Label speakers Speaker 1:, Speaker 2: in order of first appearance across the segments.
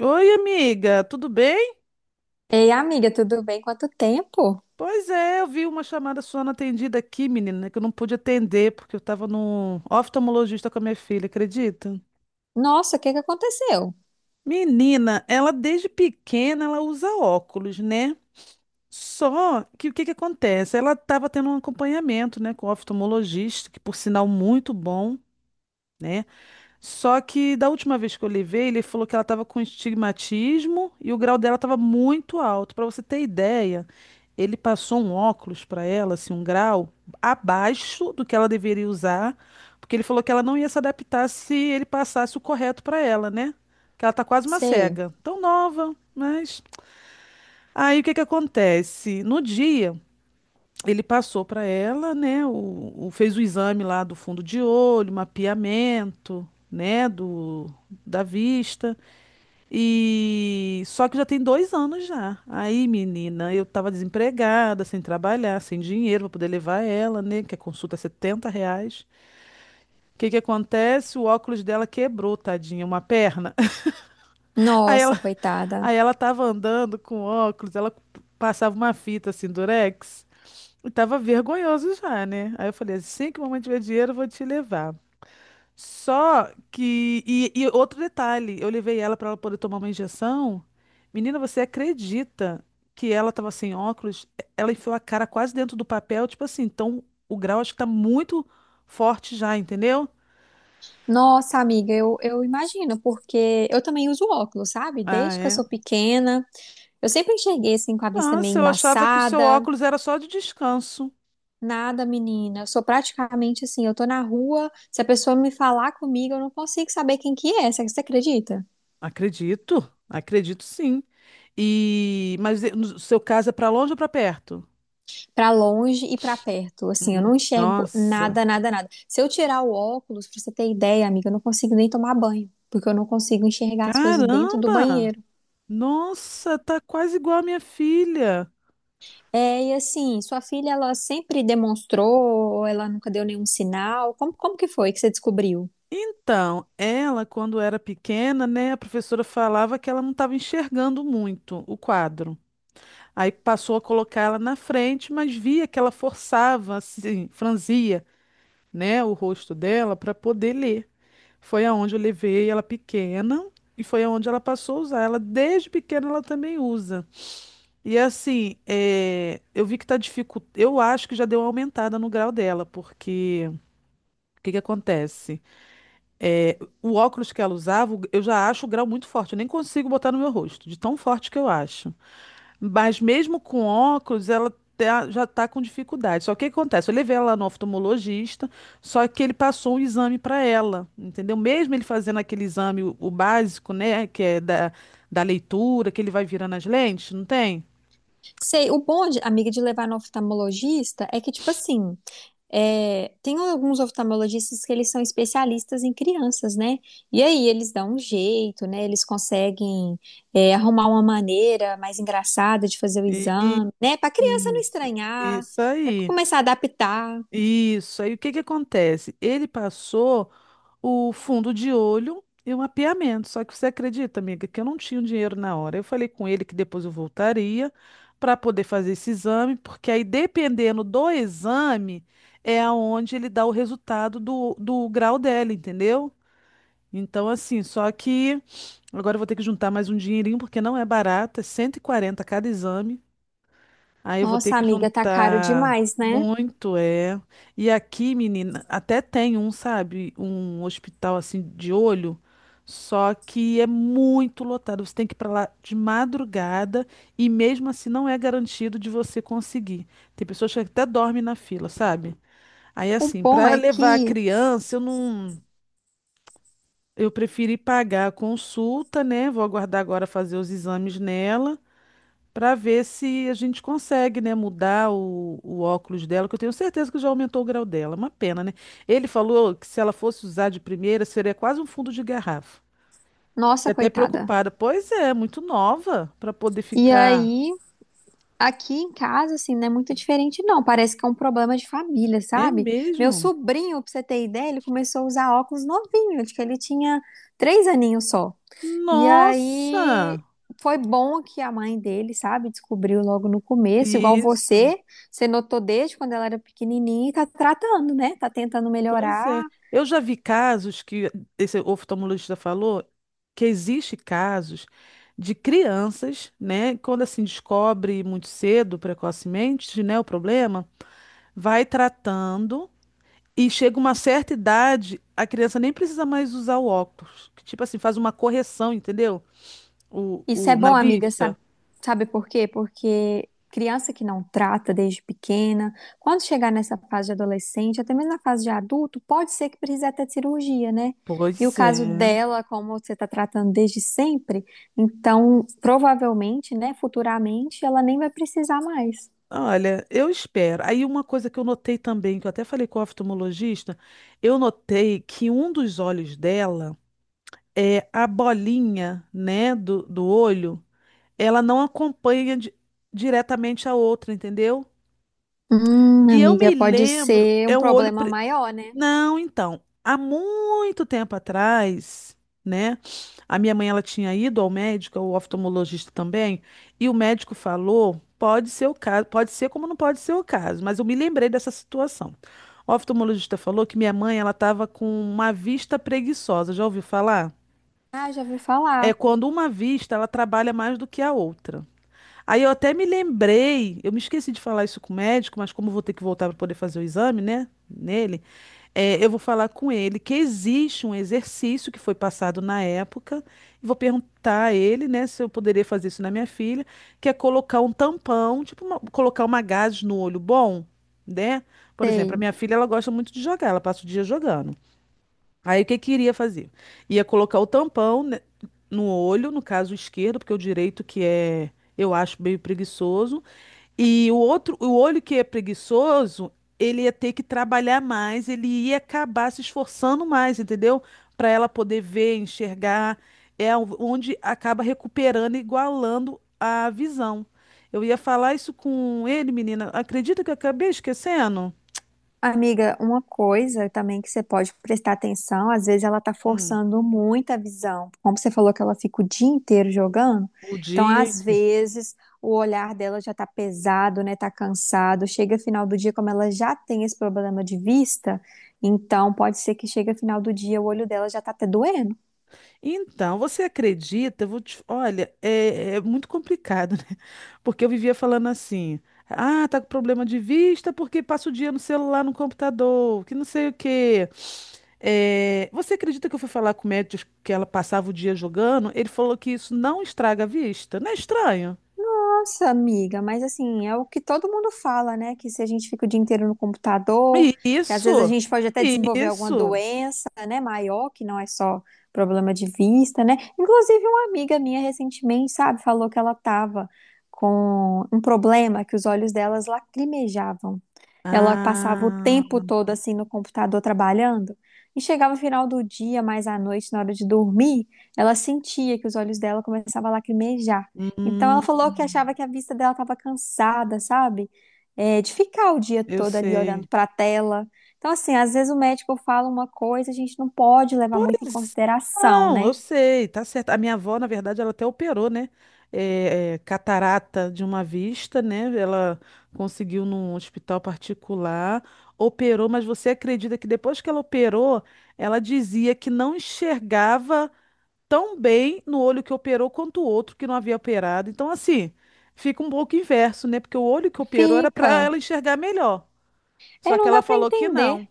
Speaker 1: Oi, amiga, tudo bem?
Speaker 2: Ei, amiga, tudo bem? Quanto tempo?
Speaker 1: Pois é, eu vi uma chamada sua não atendida aqui, menina, que eu não pude atender porque eu estava no oftalmologista com a minha filha, acredita?
Speaker 2: Nossa, o que que aconteceu?
Speaker 1: Menina, ela desde pequena ela usa óculos, né? Só que o que que acontece? Ela estava tendo um acompanhamento, né, com o oftalmologista, que por sinal muito bom, né? Só que da última vez que eu levei, ele falou que ela estava com estigmatismo e o grau dela estava muito alto. Para você ter ideia, ele passou um óculos para ela, assim, um grau abaixo do que ela deveria usar, porque ele falou que ela não ia se adaptar se ele passasse o correto para ela, né? Que ela tá quase uma
Speaker 2: Sei.
Speaker 1: cega, tão nova, mas aí o que que acontece? No dia ele passou para ela, né, fez o exame lá do fundo de olho, mapeamento, né, do, da vista, e só que já tem 2 anos já. Aí, menina, eu tava desempregada, sem trabalhar, sem dinheiro para poder levar ela, né, que a consulta é R$ 70. O que que acontece? O óculos dela quebrou, tadinha, uma perna. Aí
Speaker 2: Nossa,
Speaker 1: ela,
Speaker 2: coitada.
Speaker 1: aí ela tava andando com óculos, ela passava uma fita assim, durex, eu tava vergonhoso já, né? Aí eu falei, assim que mamãe tiver dinheiro, eu vou te levar. Só que. E outro detalhe, eu levei ela pra ela poder tomar uma injeção. Menina, você acredita que ela tava sem óculos? Ela enfiou a cara quase dentro do papel, tipo assim, então o grau acho que tá muito forte já, entendeu?
Speaker 2: Nossa, amiga, eu imagino, porque eu também uso óculos, sabe?
Speaker 1: Ah,
Speaker 2: Desde que eu
Speaker 1: é.
Speaker 2: sou pequena, eu sempre enxerguei assim com a vista
Speaker 1: Nossa,
Speaker 2: meio
Speaker 1: eu achava que o seu
Speaker 2: embaçada.
Speaker 1: óculos era só de descanso.
Speaker 2: Nada, menina. Eu sou praticamente assim, eu tô na rua, se a pessoa me falar comigo, eu não consigo saber quem que é. Você acredita?
Speaker 1: Acredito, acredito sim. No seu caso é pra longe ou pra perto?
Speaker 2: Para longe e para perto. Assim, eu não enxergo
Speaker 1: Nossa,
Speaker 2: nada, nada, nada. Se eu tirar o óculos, pra você ter ideia, amiga, eu não consigo nem tomar banho, porque eu não consigo enxergar as coisas dentro do
Speaker 1: caramba!
Speaker 2: banheiro.
Speaker 1: Nossa, tá quase igual a minha filha.
Speaker 2: É, e assim, sua filha, ela sempre demonstrou, ela nunca deu nenhum sinal. Como que foi que você descobriu?
Speaker 1: Então, ela, quando era pequena, né, a professora falava que ela não estava enxergando muito o quadro. Aí passou a colocar ela na frente, mas via que ela forçava, assim, franzia, né, o rosto dela para poder ler. Foi aonde eu levei ela pequena e foi aonde ela passou a usar. Ela desde pequena ela também usa. E assim, é, eu vi que tá dificultando. Eu acho que já deu uma aumentada no grau dela, porque o que que acontece? O óculos que ela usava, eu já acho o grau muito forte. Eu nem consigo botar no meu rosto, de tão forte que eu acho. Mas mesmo com óculos, ela já tá com dificuldade. Só que o que acontece? Eu levei ela no oftalmologista, só que ele passou um exame para ela, entendeu? Mesmo ele fazendo aquele exame, o básico, né, que é da, da leitura, que ele vai virando as lentes, não tem?
Speaker 2: Sei, o bom, de- amiga, de levar no oftalmologista é que, tipo assim, é, tem alguns oftalmologistas que eles são especialistas em crianças, né? E aí eles dão um jeito, né? Eles conseguem, é, arrumar uma maneira mais engraçada de fazer o exame, né? Para criança não
Speaker 1: Isso,
Speaker 2: estranhar,
Speaker 1: isso
Speaker 2: para
Speaker 1: aí.
Speaker 2: começar a adaptar.
Speaker 1: Isso aí. O que que acontece? Ele passou o fundo de olho e o mapeamento. Só que você acredita, amiga, que eu não tinha o dinheiro na hora. Eu falei com ele que depois eu voltaria para poder fazer esse exame, porque aí dependendo do exame é aonde ele dá o resultado do, do grau dela, entendeu? Então, assim, só que agora eu vou ter que juntar mais um dinheirinho, porque não é barato, é 140 cada exame. Aí eu vou ter
Speaker 2: Nossa,
Speaker 1: que
Speaker 2: amiga, tá caro
Speaker 1: juntar
Speaker 2: demais, né?
Speaker 1: muito, é. E aqui, menina, até tem um, sabe, um hospital assim de olho, só que é muito lotado. Você tem que ir pra lá de madrugada e mesmo assim não é garantido de você conseguir. Tem pessoas que até dormem na fila, sabe? Aí
Speaker 2: O
Speaker 1: assim,
Speaker 2: bom
Speaker 1: para
Speaker 2: é
Speaker 1: levar a
Speaker 2: que,
Speaker 1: criança, eu não, eu preferi pagar a consulta, né? Vou aguardar agora fazer os exames nela para ver se a gente consegue, né, mudar o óculos dela, que eu tenho certeza que já aumentou o grau dela. Uma pena, né? Ele falou que se ela fosse usar de primeira, seria quase um fundo de garrafa. E
Speaker 2: nossa,
Speaker 1: até
Speaker 2: coitada.
Speaker 1: preocupada. Pois é, muito nova para poder
Speaker 2: E
Speaker 1: ficar.
Speaker 2: aí, aqui em casa, assim, não é muito diferente, não. Parece que é um problema de família,
Speaker 1: É
Speaker 2: sabe? Meu
Speaker 1: mesmo?
Speaker 2: sobrinho, pra você ter ideia, ele começou a usar óculos novinho, acho que ele tinha três aninhos só. E aí
Speaker 1: Nossa!
Speaker 2: foi bom que a mãe dele, sabe, descobriu logo no começo, igual
Speaker 1: Isso.
Speaker 2: você, você notou desde quando ela era pequenininha e tá tratando, né? Tá tentando
Speaker 1: Pois
Speaker 2: melhorar.
Speaker 1: é. Eu já vi casos que esse oftalmologista falou que existe casos de crianças, né, quando assim descobre muito cedo, precocemente, né, o problema, vai tratando e chega uma certa idade, a criança nem precisa mais usar o óculos, que tipo assim faz uma correção, entendeu?
Speaker 2: Isso é
Speaker 1: O na
Speaker 2: bom, amiga, sabe,
Speaker 1: vista.
Speaker 2: sabe por quê? Porque criança que não trata desde pequena, quando chegar nessa fase de adolescente, até mesmo na fase de adulto, pode ser que precise até de cirurgia, né? E o
Speaker 1: Pois é.
Speaker 2: caso dela, como você está tratando desde sempre, então provavelmente, né, futuramente, ela nem vai precisar mais.
Speaker 1: Olha, eu espero. Aí uma coisa que eu notei também, que eu até falei com o oftalmologista, eu notei que um dos olhos dela é a bolinha, né, do, do olho, ela não acompanha diretamente a outra, entendeu? E eu
Speaker 2: Amiga,
Speaker 1: me
Speaker 2: pode
Speaker 1: lembro,
Speaker 2: ser um
Speaker 1: é o olho,
Speaker 2: problema maior, né?
Speaker 1: não, então, há muito tempo atrás, né? A minha mãe ela tinha ido ao médico, ao oftalmologista também, e o médico falou, pode ser o caso, pode ser como não pode ser o caso, mas eu me lembrei dessa situação. O oftalmologista falou que minha mãe ela estava com uma vista preguiçosa. Já ouviu falar?
Speaker 2: Ah, já ouvi
Speaker 1: É
Speaker 2: falar.
Speaker 1: quando uma vista ela trabalha mais do que a outra. Aí eu até me lembrei, eu me esqueci de falar isso com o médico, mas como eu vou ter que voltar para poder fazer o exame, né? Nele, é, eu vou falar com ele que existe um exercício que foi passado na época, e vou perguntar a ele, né, se eu poderia fazer isso na minha filha, que é colocar um tampão, tipo, colocar uma gaze no olho bom, né? Por exemplo, a
Speaker 2: Sei.
Speaker 1: minha filha, ela gosta muito de jogar, ela passa o dia jogando. Aí o que que iria fazer? Ia colocar o tampão, né, no olho, no caso o esquerdo, porque o direito que é, eu acho meio preguiçoso, e o outro, o olho que é preguiçoso, ele ia ter que trabalhar mais, ele ia acabar se esforçando mais, entendeu? Para ela poder ver, enxergar, onde acaba recuperando, e igualando a visão. Eu ia falar isso com ele, menina. Acredita que eu acabei esquecendo?
Speaker 2: Amiga, uma coisa também que você pode prestar atenção, às vezes ela tá
Speaker 1: Hum.
Speaker 2: forçando muito a visão. Como você falou que ela fica o dia inteiro jogando,
Speaker 1: O
Speaker 2: então
Speaker 1: dia.
Speaker 2: às vezes o olhar dela já tá pesado, né? Tá cansado. Chega final do dia, como ela já tem esse problema de vista, então pode ser que chegue final do dia o olho dela já tá até doendo.
Speaker 1: Então, você acredita? Eu vou te... Olha, é muito complicado, né? Porque eu vivia falando assim: ah, tá com problema de vista porque passa o dia no celular, no computador, que não sei o quê. É, você acredita que eu fui falar com o médico que ela passava o dia jogando? Ele falou que isso não estraga a vista. Não é estranho?
Speaker 2: Nossa, amiga, mas assim, é o que todo mundo fala, né? Que se a gente fica o dia inteiro no computador, que às vezes a
Speaker 1: Isso!
Speaker 2: gente pode até desenvolver alguma
Speaker 1: Isso!
Speaker 2: doença, né, maior, que não é só problema de vista, né? Inclusive, uma amiga minha recentemente, sabe, falou que ela tava com um problema que os olhos delas lacrimejavam. Ela passava o
Speaker 1: Ah,
Speaker 2: tempo todo assim no computador trabalhando e chegava no final do dia, mais à noite, na hora de dormir, ela sentia que os olhos dela começavam a lacrimejar. Então
Speaker 1: hum,
Speaker 2: ela falou que achava que a vista dela estava cansada, sabe? É, de ficar o dia
Speaker 1: eu
Speaker 2: todo ali olhando
Speaker 1: sei.
Speaker 2: para a tela. Então, assim, às vezes o médico fala uma coisa, a gente não pode levar
Speaker 1: Pois
Speaker 2: muito em consideração,
Speaker 1: não,
Speaker 2: né?
Speaker 1: eu sei, tá certo. A minha avó, na verdade, ela até operou, né? Catarata de uma vista, né? Ela conseguiu num hospital particular, operou, mas você acredita que depois que ela operou, ela dizia que não enxergava tão bem no olho que operou quanto o outro que não havia operado. Então, assim, fica um pouco inverso, né? Porque o olho que operou era para
Speaker 2: Fica.
Speaker 1: ela enxergar melhor.
Speaker 2: É,
Speaker 1: Só que
Speaker 2: não dá
Speaker 1: ela
Speaker 2: para
Speaker 1: falou que
Speaker 2: entender.
Speaker 1: não.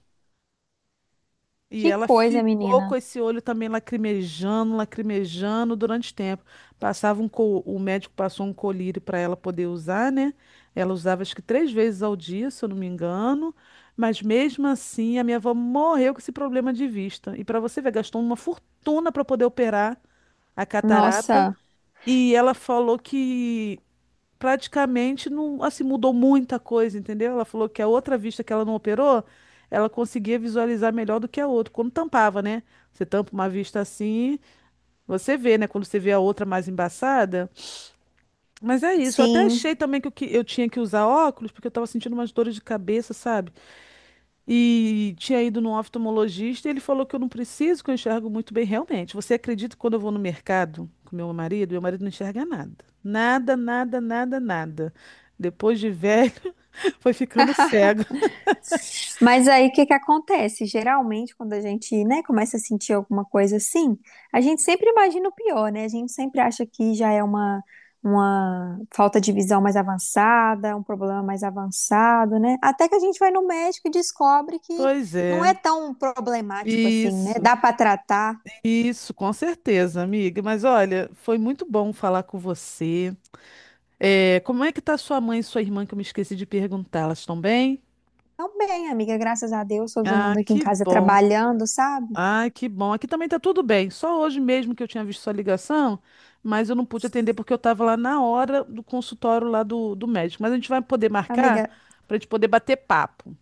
Speaker 1: E
Speaker 2: Que
Speaker 1: ela
Speaker 2: coisa,
Speaker 1: ficou
Speaker 2: menina.
Speaker 1: com esse olho também lacrimejando, lacrimejando durante tempo. Passava um o médico passou um colírio para ela poder usar, né? Ela usava acho que 3 vezes ao dia, se eu não me engano. Mas mesmo assim, a minha avó morreu com esse problema de vista. E para você ver, gastou uma fortuna para poder operar a catarata.
Speaker 2: Nossa,
Speaker 1: E ela falou que praticamente não, assim, mudou muita coisa, entendeu? Ela falou que a outra vista que ela não operou, ela conseguia visualizar melhor do que a outra, quando tampava, né? Você tampa uma vista assim, você vê, né? Quando você vê a outra mais embaçada. Mas é isso, eu até
Speaker 2: sim.
Speaker 1: achei também que eu tinha que usar óculos, porque eu tava sentindo umas dores de cabeça, sabe? E tinha ido num oftalmologista e ele falou que eu não preciso, que eu enxergo muito bem. Realmente, você acredita que quando eu vou no mercado com meu marido não enxerga nada. Nada, nada, nada, nada. Depois de velho, foi ficando cego.
Speaker 2: Mas aí o que que acontece? Geralmente, quando a gente, né, começa a sentir alguma coisa assim, a gente sempre imagina o pior, né? A gente sempre acha que já é uma falta de visão mais avançada, um problema mais avançado, né? Até que a gente vai no médico e descobre que
Speaker 1: Pois
Speaker 2: não
Speaker 1: é.
Speaker 2: é tão problemático assim, né?
Speaker 1: Isso,
Speaker 2: Dá para tratar.
Speaker 1: isso, com certeza, amiga. Mas olha, foi muito bom falar com você. É, como é que tá sua mãe e sua irmã, que eu me esqueci de perguntar? Elas estão bem?
Speaker 2: Então, bem, amiga, graças a Deus, todo
Speaker 1: Ah,
Speaker 2: mundo aqui em
Speaker 1: que
Speaker 2: casa
Speaker 1: bom.
Speaker 2: trabalhando, sabe?
Speaker 1: Ai, que bom. Aqui também tá tudo bem. Só hoje mesmo que eu tinha visto sua ligação, mas eu não pude atender porque eu estava lá na hora do consultório lá do, do médico. Mas a gente vai poder marcar
Speaker 2: Amiga,
Speaker 1: para a gente poder bater papo.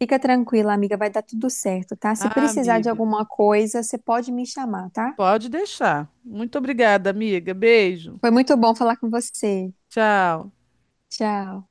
Speaker 2: fica tranquila, amiga, vai dar tudo certo, tá? Se
Speaker 1: Ah,
Speaker 2: precisar de
Speaker 1: amiga,
Speaker 2: alguma coisa, você pode me chamar, tá?
Speaker 1: pode deixar. Muito obrigada, amiga. Beijo.
Speaker 2: Foi muito bom falar com você.
Speaker 1: Tchau.
Speaker 2: Tchau.